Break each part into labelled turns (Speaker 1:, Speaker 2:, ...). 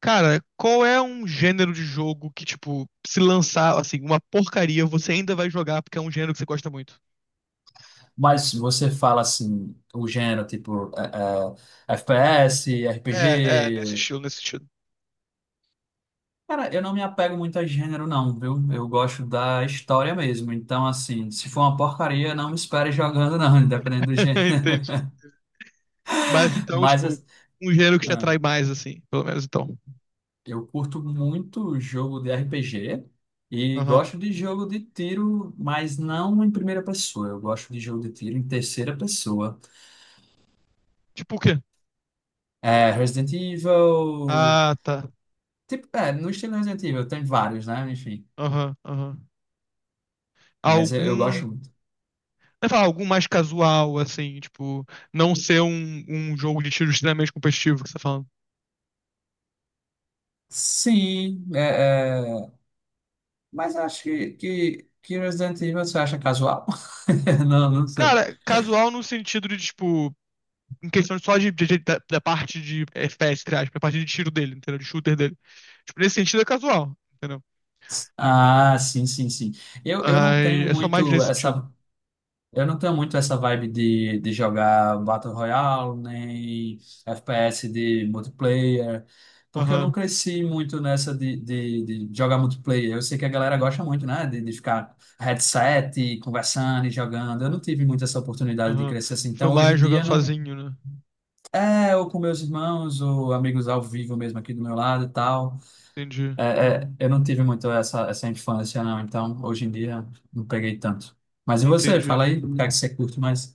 Speaker 1: Cara, qual é um gênero de jogo que, tipo, se lançar, assim, uma porcaria, você ainda vai jogar porque é um gênero que você gosta muito?
Speaker 2: Mas se você fala assim, o gênero, tipo, é FPS,
Speaker 1: É, é, nesse
Speaker 2: RPG.
Speaker 1: estilo, nesse estilo.
Speaker 2: Cara, eu não me apego muito a gênero, não, viu? Eu gosto da história mesmo. Então, assim, se for uma porcaria, não me espere jogando, não, independente do gênero.
Speaker 1: Entendi. Mas então,
Speaker 2: Mas
Speaker 1: tipo,
Speaker 2: assim,
Speaker 1: um gênero que te
Speaker 2: ah,
Speaker 1: atrai mais, assim, pelo menos então.
Speaker 2: eu curto muito jogo de RPG e
Speaker 1: Aham.
Speaker 2: gosto de jogo de tiro, mas não em primeira pessoa. Eu gosto de jogo de tiro em terceira pessoa.
Speaker 1: Tipo o quê?
Speaker 2: É, Resident Evil.
Speaker 1: Ah, tá.
Speaker 2: Tipo, é, no estilo Resident Evil, tem vários, né? Enfim.
Speaker 1: Aham, aham.
Speaker 2: Mas eu
Speaker 1: Algum.
Speaker 2: gosto muito.
Speaker 1: Vai falar, algum mais casual, assim, tipo, não ser um jogo de tiro extremamente competitivo que você tá falando.
Speaker 2: Sim, é, é, mas acho que Resident Evil você acha casual? Não, não sei.
Speaker 1: Cara, casual no sentido de, tipo. Em questão só da parte de FPS, entre aspas, a parte de tiro dele, entendeu? De shooter dele. Tipo, nesse sentido é casual, entendeu? Hum,
Speaker 2: Ah, sim, sim, sim. Eu não
Speaker 1: Ai,
Speaker 2: tenho
Speaker 1: é só mais
Speaker 2: muito
Speaker 1: nesse sentido.
Speaker 2: essa. Eu não tenho muito essa vibe de jogar Battle Royale, nem FPS de multiplayer, porque eu não
Speaker 1: Aham,
Speaker 2: cresci muito nessa de jogar multiplayer. Eu sei que a galera gosta muito, né? De ficar headset, e conversando e jogando. Eu não tive muito essa oportunidade de
Speaker 1: aham.
Speaker 2: crescer assim.
Speaker 1: Foi
Speaker 2: Então, hoje
Speaker 1: mais
Speaker 2: em
Speaker 1: jogando
Speaker 2: dia, não.
Speaker 1: sozinho, né?
Speaker 2: É, ou com meus irmãos, ou amigos ao vivo mesmo aqui do meu lado e tal.
Speaker 1: Entendi,
Speaker 2: É, é, eu não tive muito essa infância, não. Então, hoje em dia, não peguei tanto. Mas e você? Fala
Speaker 1: entendi.
Speaker 2: aí, o que é que você curte mais?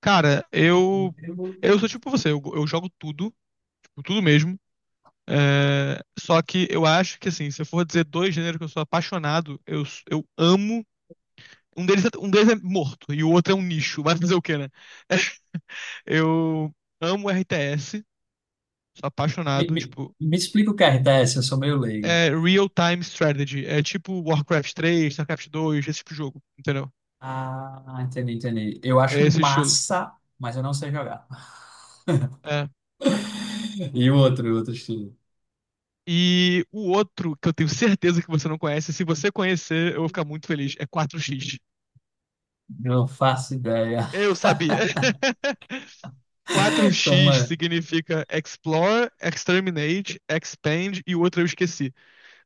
Speaker 1: Cara, eu.
Speaker 2: Eu-
Speaker 1: Eu sou tipo você, eu jogo tudo, tipo, tudo mesmo. É, só que eu acho que, assim, se eu for dizer dois gêneros que eu sou apaixonado, eu amo. Um deles, um deles é morto e o outro é um nicho, vai fazer o quê, né? Eu amo RTS. Sou
Speaker 2: Me,
Speaker 1: apaixonado,
Speaker 2: me,
Speaker 1: tipo,
Speaker 2: me explica o que é RTS, eu sou meio leigo.
Speaker 1: é real-time strategy. É tipo Warcraft 3, StarCraft 2, esse tipo de jogo, entendeu?
Speaker 2: Ah, entendi, entendi. Eu
Speaker 1: É
Speaker 2: acho
Speaker 1: esse estilo.
Speaker 2: massa, mas eu não sei jogar.
Speaker 1: É.
Speaker 2: E o outro estilo?
Speaker 1: E o outro que eu tenho certeza que você não conhece, se você conhecer, eu vou ficar muito feliz. É 4x.
Speaker 2: Não faço ideia.
Speaker 1: Eu sabia.
Speaker 2: Como
Speaker 1: 4x
Speaker 2: é?
Speaker 1: significa Explore, Exterminate, Expand e o outro eu esqueci.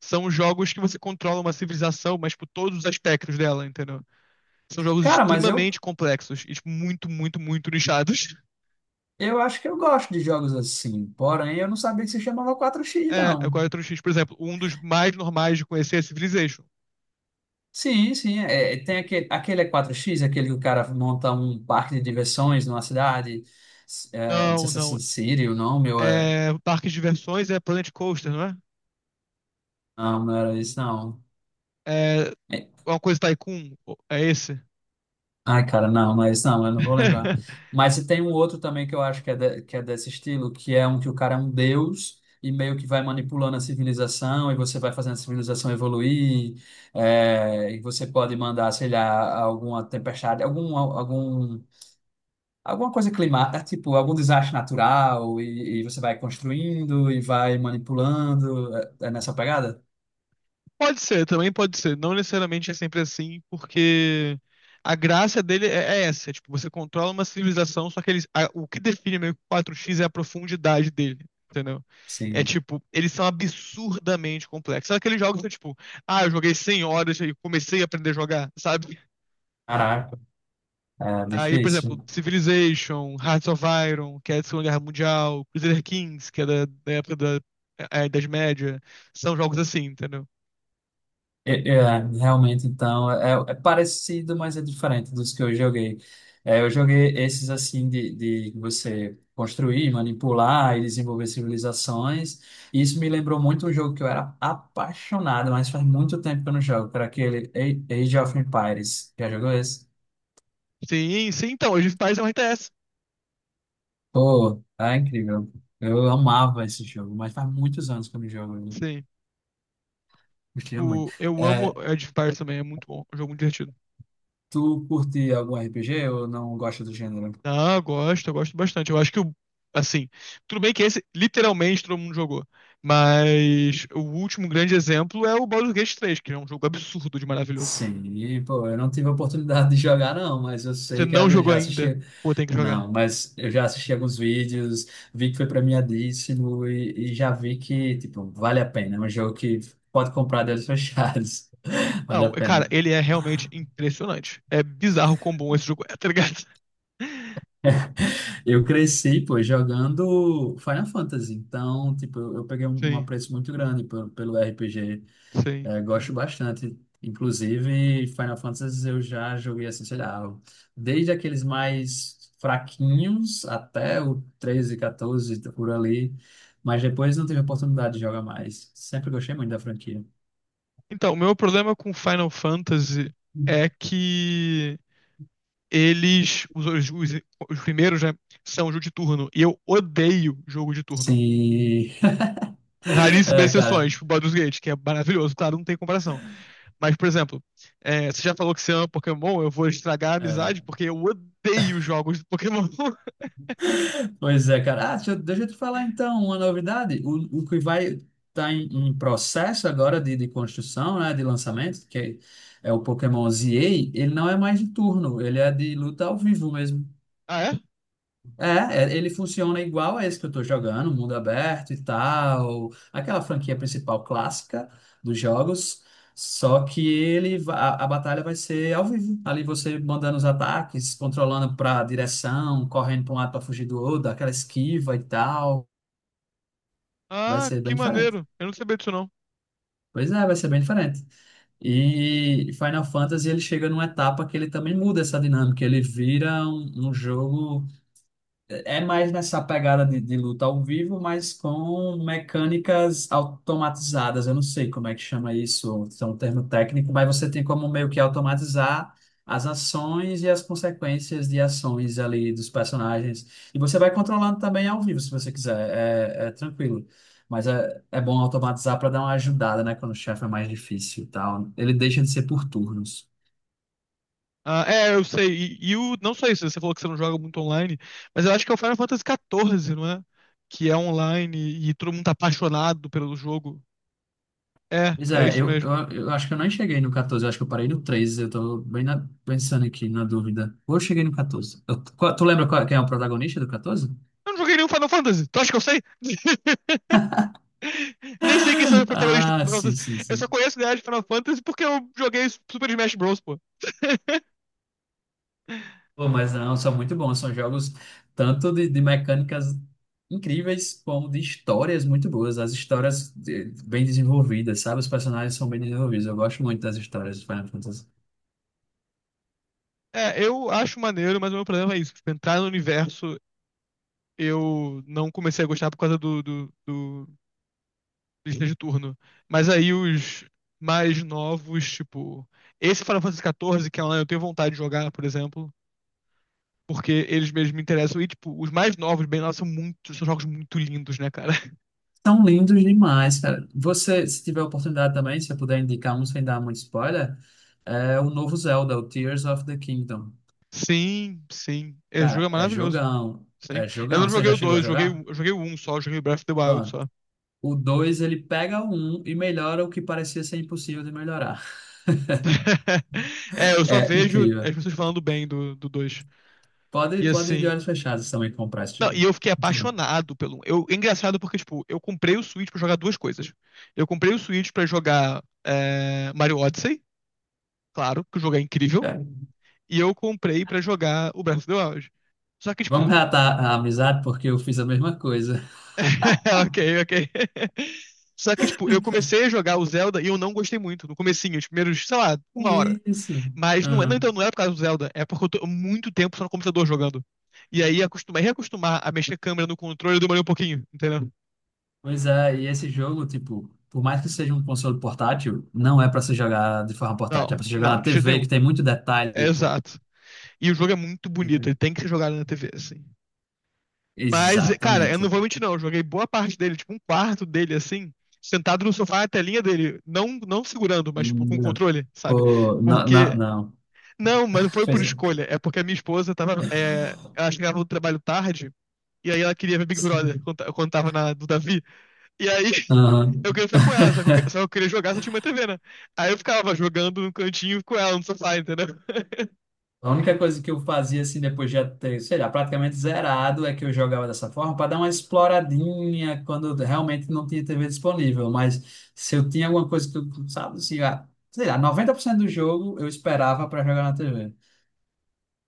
Speaker 1: São jogos que você controla uma civilização, mas por todos os aspectos dela, entendeu? São jogos
Speaker 2: Cara, mas eu,
Speaker 1: extremamente complexos e tipo, muito, muito, muito nichados.
Speaker 2: eu acho que eu gosto de jogos assim. Porém, eu não sabia que se chamava 4x,
Speaker 1: É, é
Speaker 2: não.
Speaker 1: 4x. Por exemplo, um dos mais normais de conhecer é Civilization.
Speaker 2: Sim, sim. É, é, tem aquele, aquele é 4x, aquele que o cara monta um parque de diversões numa cidade. É, não sei
Speaker 1: Não,
Speaker 2: se é
Speaker 1: não.
Speaker 2: Sin City o nome ou é...
Speaker 1: É, o parque de diversões é Planet Coaster, não é?
Speaker 2: Não, não era isso, não.
Speaker 1: É
Speaker 2: É.
Speaker 1: uma coisa Tycoon, é esse?
Speaker 2: Ai, cara, não, mas não, eu não vou lembrar. Mas se tem um outro também que eu acho que é, que é desse estilo, que é um que o cara é um deus e meio que vai manipulando a civilização e você vai fazendo a civilização evoluir, é, e você pode mandar, sei lá, alguma tempestade, alguma coisa climática, tipo, algum desastre natural e você vai construindo e vai manipulando. É, é nessa pegada?
Speaker 1: Pode ser, também pode ser. Não necessariamente é sempre assim, porque a graça dele é essa. É, tipo, você controla uma civilização, só que o que define meio que o 4x é a profundidade dele, entendeu? É
Speaker 2: Sim.
Speaker 1: tipo, eles são absurdamente complexos. Sabe aqueles jogos que, tipo, ah, eu joguei 100 horas e comecei a aprender a jogar, sabe?
Speaker 2: Caraca, é
Speaker 1: Aí, por exemplo,
Speaker 2: difícil.
Speaker 1: Civilization, Hearts of Iron, que é da Segunda Guerra Mundial, Crusader Kings, que é da época da Idade Média, são jogos assim, entendeu?
Speaker 2: É, realmente, então, é parecido, mas é diferente dos que eu joguei. É, eu joguei esses assim de você construir, manipular e desenvolver civilizações. E isso me lembrou muito um jogo que eu era apaixonado, mas faz muito tempo que eu não jogo, que era aquele Age of Empires. Já jogou esse?
Speaker 1: Sim, sim, então, Age of Empires é um RTS.
Speaker 2: Pô, é incrível. Eu amava esse jogo, mas faz muitos anos que eu não jogo, eu
Speaker 1: Sim.
Speaker 2: gostia muito.
Speaker 1: Tipo, eu amo
Speaker 2: É,
Speaker 1: Age of Empires também, é muito bom, é um jogo muito divertido.
Speaker 2: tu curte algum RPG ou não gosta do gênero?
Speaker 1: Ah, eu gosto bastante. Eu acho que o, assim, tudo bem que esse literalmente todo mundo jogou, mas o último grande exemplo é o Baldur's Gate 3, que é um jogo absurdo de maravilhoso.
Speaker 2: Sim, pô, eu não tive a oportunidade de jogar, não, mas eu
Speaker 1: Você
Speaker 2: sei que
Speaker 1: não
Speaker 2: eu
Speaker 1: jogou
Speaker 2: já assisti.
Speaker 1: ainda, pô, tem que jogar.
Speaker 2: Não, mas eu já assisti alguns vídeos, vi que foi premiadíssimo e já vi que, tipo, vale a pena. É um jogo que pode comprar de olhos fechados. Vale a
Speaker 1: Não, é, cara,
Speaker 2: pena.
Speaker 1: ele é realmente impressionante. É bizarro quão bom esse jogo é, tá ligado?
Speaker 2: Eu cresci, pô, jogando Final Fantasy, então, tipo, eu peguei um
Speaker 1: Sim,
Speaker 2: apreço muito grande pelo RPG.
Speaker 1: sim.
Speaker 2: É, gosto bastante. Inclusive, Final Fantasy eu já joguei assim, sei lá, desde aqueles mais fraquinhos até o 13, 14, por ali. Mas depois não tive oportunidade de jogar mais. Sempre gostei muito da franquia.
Speaker 1: Então, o meu problema com Final Fantasy é que eles, os primeiros, né, são jogo de turno, e eu odeio jogo de turno.
Speaker 2: Sim.
Speaker 1: Com raríssimas
Speaker 2: É, cara.
Speaker 1: exceções, tipo Baldur's Gate, que é maravilhoso, claro, não tem comparação. Mas, por exemplo, você já falou que você ama Pokémon, eu vou estragar a amizade
Speaker 2: É.
Speaker 1: porque eu odeio jogos de Pokémon.
Speaker 2: Pois é, cara. Ah, deixa eu te falar então uma novidade. O que vai estar em processo agora de construção, né, de lançamento, que é o Pokémon ZA, ele não é mais de turno, ele é de luta ao vivo mesmo.
Speaker 1: Ah, é?
Speaker 2: É, é, ele funciona igual a esse que eu tô jogando, mundo aberto e tal, aquela franquia principal clássica dos jogos, só que a batalha vai ser ao vivo, ali você mandando os ataques, controlando para direção, correndo para um lado para fugir do outro, aquela esquiva e tal, vai
Speaker 1: Ah,
Speaker 2: ser
Speaker 1: que
Speaker 2: bem diferente.
Speaker 1: maneiro. Eu não sabia disso, não.
Speaker 2: Pois é, vai ser bem diferente. E Final Fantasy ele chega numa etapa que ele também muda essa dinâmica, ele vira um jogo é mais nessa pegada de luta ao vivo, mas com mecânicas automatizadas. Eu não sei como é que chama isso, isso é um termo técnico, mas você tem como meio que automatizar as ações e as consequências de ações ali dos personagens. E você vai controlando também ao vivo, se você quiser. É, tranquilo. Mas é bom automatizar para dar uma ajudada, né? Quando o chefe é mais difícil e tal. Ele deixa de ser por turnos.
Speaker 1: Ah, é, eu sei. E o, não só isso, você falou que você não joga muito online, mas eu acho que é o Final Fantasy XIV, não é? Que é online e todo mundo tá apaixonado pelo jogo. É,
Speaker 2: Pois
Speaker 1: é
Speaker 2: é,
Speaker 1: isso
Speaker 2: eu,
Speaker 1: mesmo.
Speaker 2: eu, eu acho que eu não cheguei no 14, eu acho que eu parei no 13, eu tô bem pensando aqui, na dúvida. Ou eu cheguei no 14. Tu lembra quem é o protagonista do 14?
Speaker 1: Eu não joguei nenhum Final Fantasy, tu acha que eu sei? Nem sei quem são os protagonistas do
Speaker 2: Ah,
Speaker 1: Final
Speaker 2: sim,
Speaker 1: Fantasy.
Speaker 2: sim,
Speaker 1: Eu só
Speaker 2: sim.
Speaker 1: conheço o ideia de Final Fantasy porque eu joguei Super Smash Bros, pô.
Speaker 2: Pô, mas não, são muito bons, são jogos tanto de mecânicas incríveis como de histórias muito boas, as histórias bem desenvolvidas, sabe? Os personagens são bem desenvolvidos, eu gosto muito das histórias do Final Fantasy.
Speaker 1: É, eu acho maneiro, mas o meu problema é isso. Tipo, entrar no universo, eu não comecei a gostar por causa do lista de turno. Mas aí os mais novos, tipo... Esse Final Fantasy XIV, que é online, eu tenho vontade de jogar, por exemplo. Porque eles mesmos me interessam. E, tipo, os mais novos, bem lá, são jogos muito lindos, né, cara?
Speaker 2: São lindos demais, cara. Você, se tiver oportunidade também, se eu puder indicar um sem dar muito spoiler, é o novo Zelda, o Tears of the Kingdom.
Speaker 1: Sim, sim. Esse jogo
Speaker 2: Cara,
Speaker 1: é
Speaker 2: é
Speaker 1: maravilhoso.
Speaker 2: jogão,
Speaker 1: Sim.
Speaker 2: é
Speaker 1: Eu não
Speaker 2: jogão. Você
Speaker 1: joguei
Speaker 2: já
Speaker 1: o
Speaker 2: chegou a
Speaker 1: dois. joguei,
Speaker 2: jogar?
Speaker 1: o- eu joguei o 1 só, joguei o Breath of the Wild
Speaker 2: Pronto.
Speaker 1: só.
Speaker 2: O 2 ele pega o um e melhora o que parecia ser impossível de melhorar.
Speaker 1: É, eu só
Speaker 2: É
Speaker 1: vejo as
Speaker 2: incrível.
Speaker 1: pessoas falando bem do dois.
Speaker 2: Pode,
Speaker 1: E
Speaker 2: pode ir de
Speaker 1: assim.
Speaker 2: olhos fechados também comprar esse
Speaker 1: Não, e
Speaker 2: jogo.
Speaker 1: eu fiquei
Speaker 2: Muito bom.
Speaker 1: apaixonado pelo um. É engraçado porque, tipo, eu comprei o Switch pra jogar duas coisas. Eu comprei o Switch pra jogar Mario Odyssey, claro, que o jogo é incrível.
Speaker 2: É.
Speaker 1: E eu comprei pra jogar o Breath of the Wild. Só que,
Speaker 2: Vamos
Speaker 1: tipo.
Speaker 2: reatar a amizade, porque eu fiz a mesma coisa.
Speaker 1: Ok, ok. Só que, tipo, eu comecei a jogar o Zelda e eu não gostei muito. No comecinho, os primeiros, sei lá, uma hora.
Speaker 2: É isso.
Speaker 1: Mas não é, não, então não era por causa do Zelda, é porque eu tô muito tempo só no computador jogando. E aí acostumar, reacostumar a mexer a câmera no controle demorou um pouquinho, entendeu?
Speaker 2: Pois é, e esse jogo, tipo, por mais que seja um console portátil, não é pra se jogar de forma portátil, é pra
Speaker 1: Não,
Speaker 2: se jogar
Speaker 1: não,
Speaker 2: na
Speaker 1: de jeito
Speaker 2: TV, que
Speaker 1: nenhum.
Speaker 2: tem muito
Speaker 1: É
Speaker 2: detalhe, pô.
Speaker 1: exato. E o jogo é muito bonito, ele
Speaker 2: Entendi.
Speaker 1: tem que ser jogado na TV, assim. Mas, cara, eu
Speaker 2: Exatamente.
Speaker 1: não vou mentir, não. Eu joguei boa parte dele, tipo, um quarto dele, assim, sentado no sofá, a telinha dele. Não, não segurando, mas, tipo, com
Speaker 2: Lindo.
Speaker 1: controle, sabe?
Speaker 2: Pô, não, não,
Speaker 1: Porque.
Speaker 2: não.
Speaker 1: Não, mas não foi por
Speaker 2: Pois não.
Speaker 1: escolha. É porque a minha esposa tava, ela chegava do trabalho tarde, e aí ela queria ver Big Brother
Speaker 2: Sim.
Speaker 1: quando tava do Davi. E aí
Speaker 2: Aham.
Speaker 1: eu queria ficar com ela, só que eu queria jogar se eu tinha uma TV, né? Aí eu ficava jogando no cantinho com ela no sofá, entendeu?
Speaker 2: A única coisa que eu fazia, assim, depois de já ter, sei lá, praticamente zerado, é que eu jogava dessa forma para dar uma exploradinha quando realmente não tinha TV disponível. Mas se eu tinha alguma coisa que eu, sabe, assim, ah, sei lá, 90% do jogo eu esperava para jogar na TV.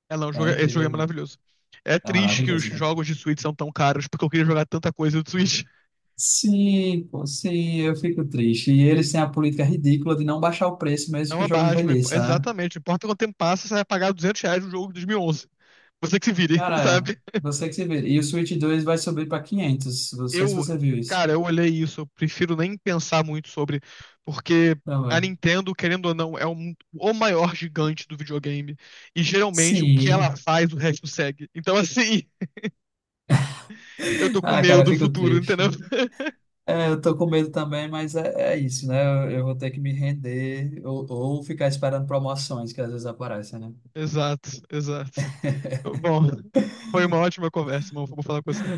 Speaker 1: É, não,
Speaker 2: É
Speaker 1: esse jogo é
Speaker 2: incrível, mano.
Speaker 1: maravilhoso. É
Speaker 2: É
Speaker 1: triste que os
Speaker 2: maravilhoso, mano.
Speaker 1: jogos de Switch são tão caros, porque eu queria jogar tanta coisa do Switch.
Speaker 2: Sim, pô, sim, eu fico triste. E eles têm a política ridícula de não baixar o preço
Speaker 1: É
Speaker 2: mesmo que o
Speaker 1: uma
Speaker 2: jogo
Speaker 1: baixa,
Speaker 2: envelheça, né?
Speaker 1: exatamente. Não importa quanto tempo passa, você vai pagar R$ 200 no jogo de 2011. Você que se vire,
Speaker 2: Cara,
Speaker 1: sabe?
Speaker 2: você que se vê. E o Switch 2 vai subir para 500. Não sei se
Speaker 1: Eu,
Speaker 2: você viu isso.
Speaker 1: cara, eu olhei isso, eu prefiro nem pensar muito sobre, porque a
Speaker 2: Também.
Speaker 1: Nintendo, querendo ou não, é o maior gigante do videogame, e geralmente o que ela
Speaker 2: Sim.
Speaker 1: faz, o resto segue. Então, assim, eu tô com
Speaker 2: Ah, cara,
Speaker 1: medo
Speaker 2: eu
Speaker 1: do
Speaker 2: fico
Speaker 1: futuro, entendeu?
Speaker 2: triste. É, eu tô com medo também, mas é isso, né? Eu vou ter que me render ou ficar esperando promoções que às vezes aparecem, né?
Speaker 1: Exato, exato. Bom, foi uma ótima conversa, irmão. Vou falar com você.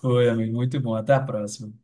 Speaker 2: Foi, amigo. Muito bom. Até a próxima.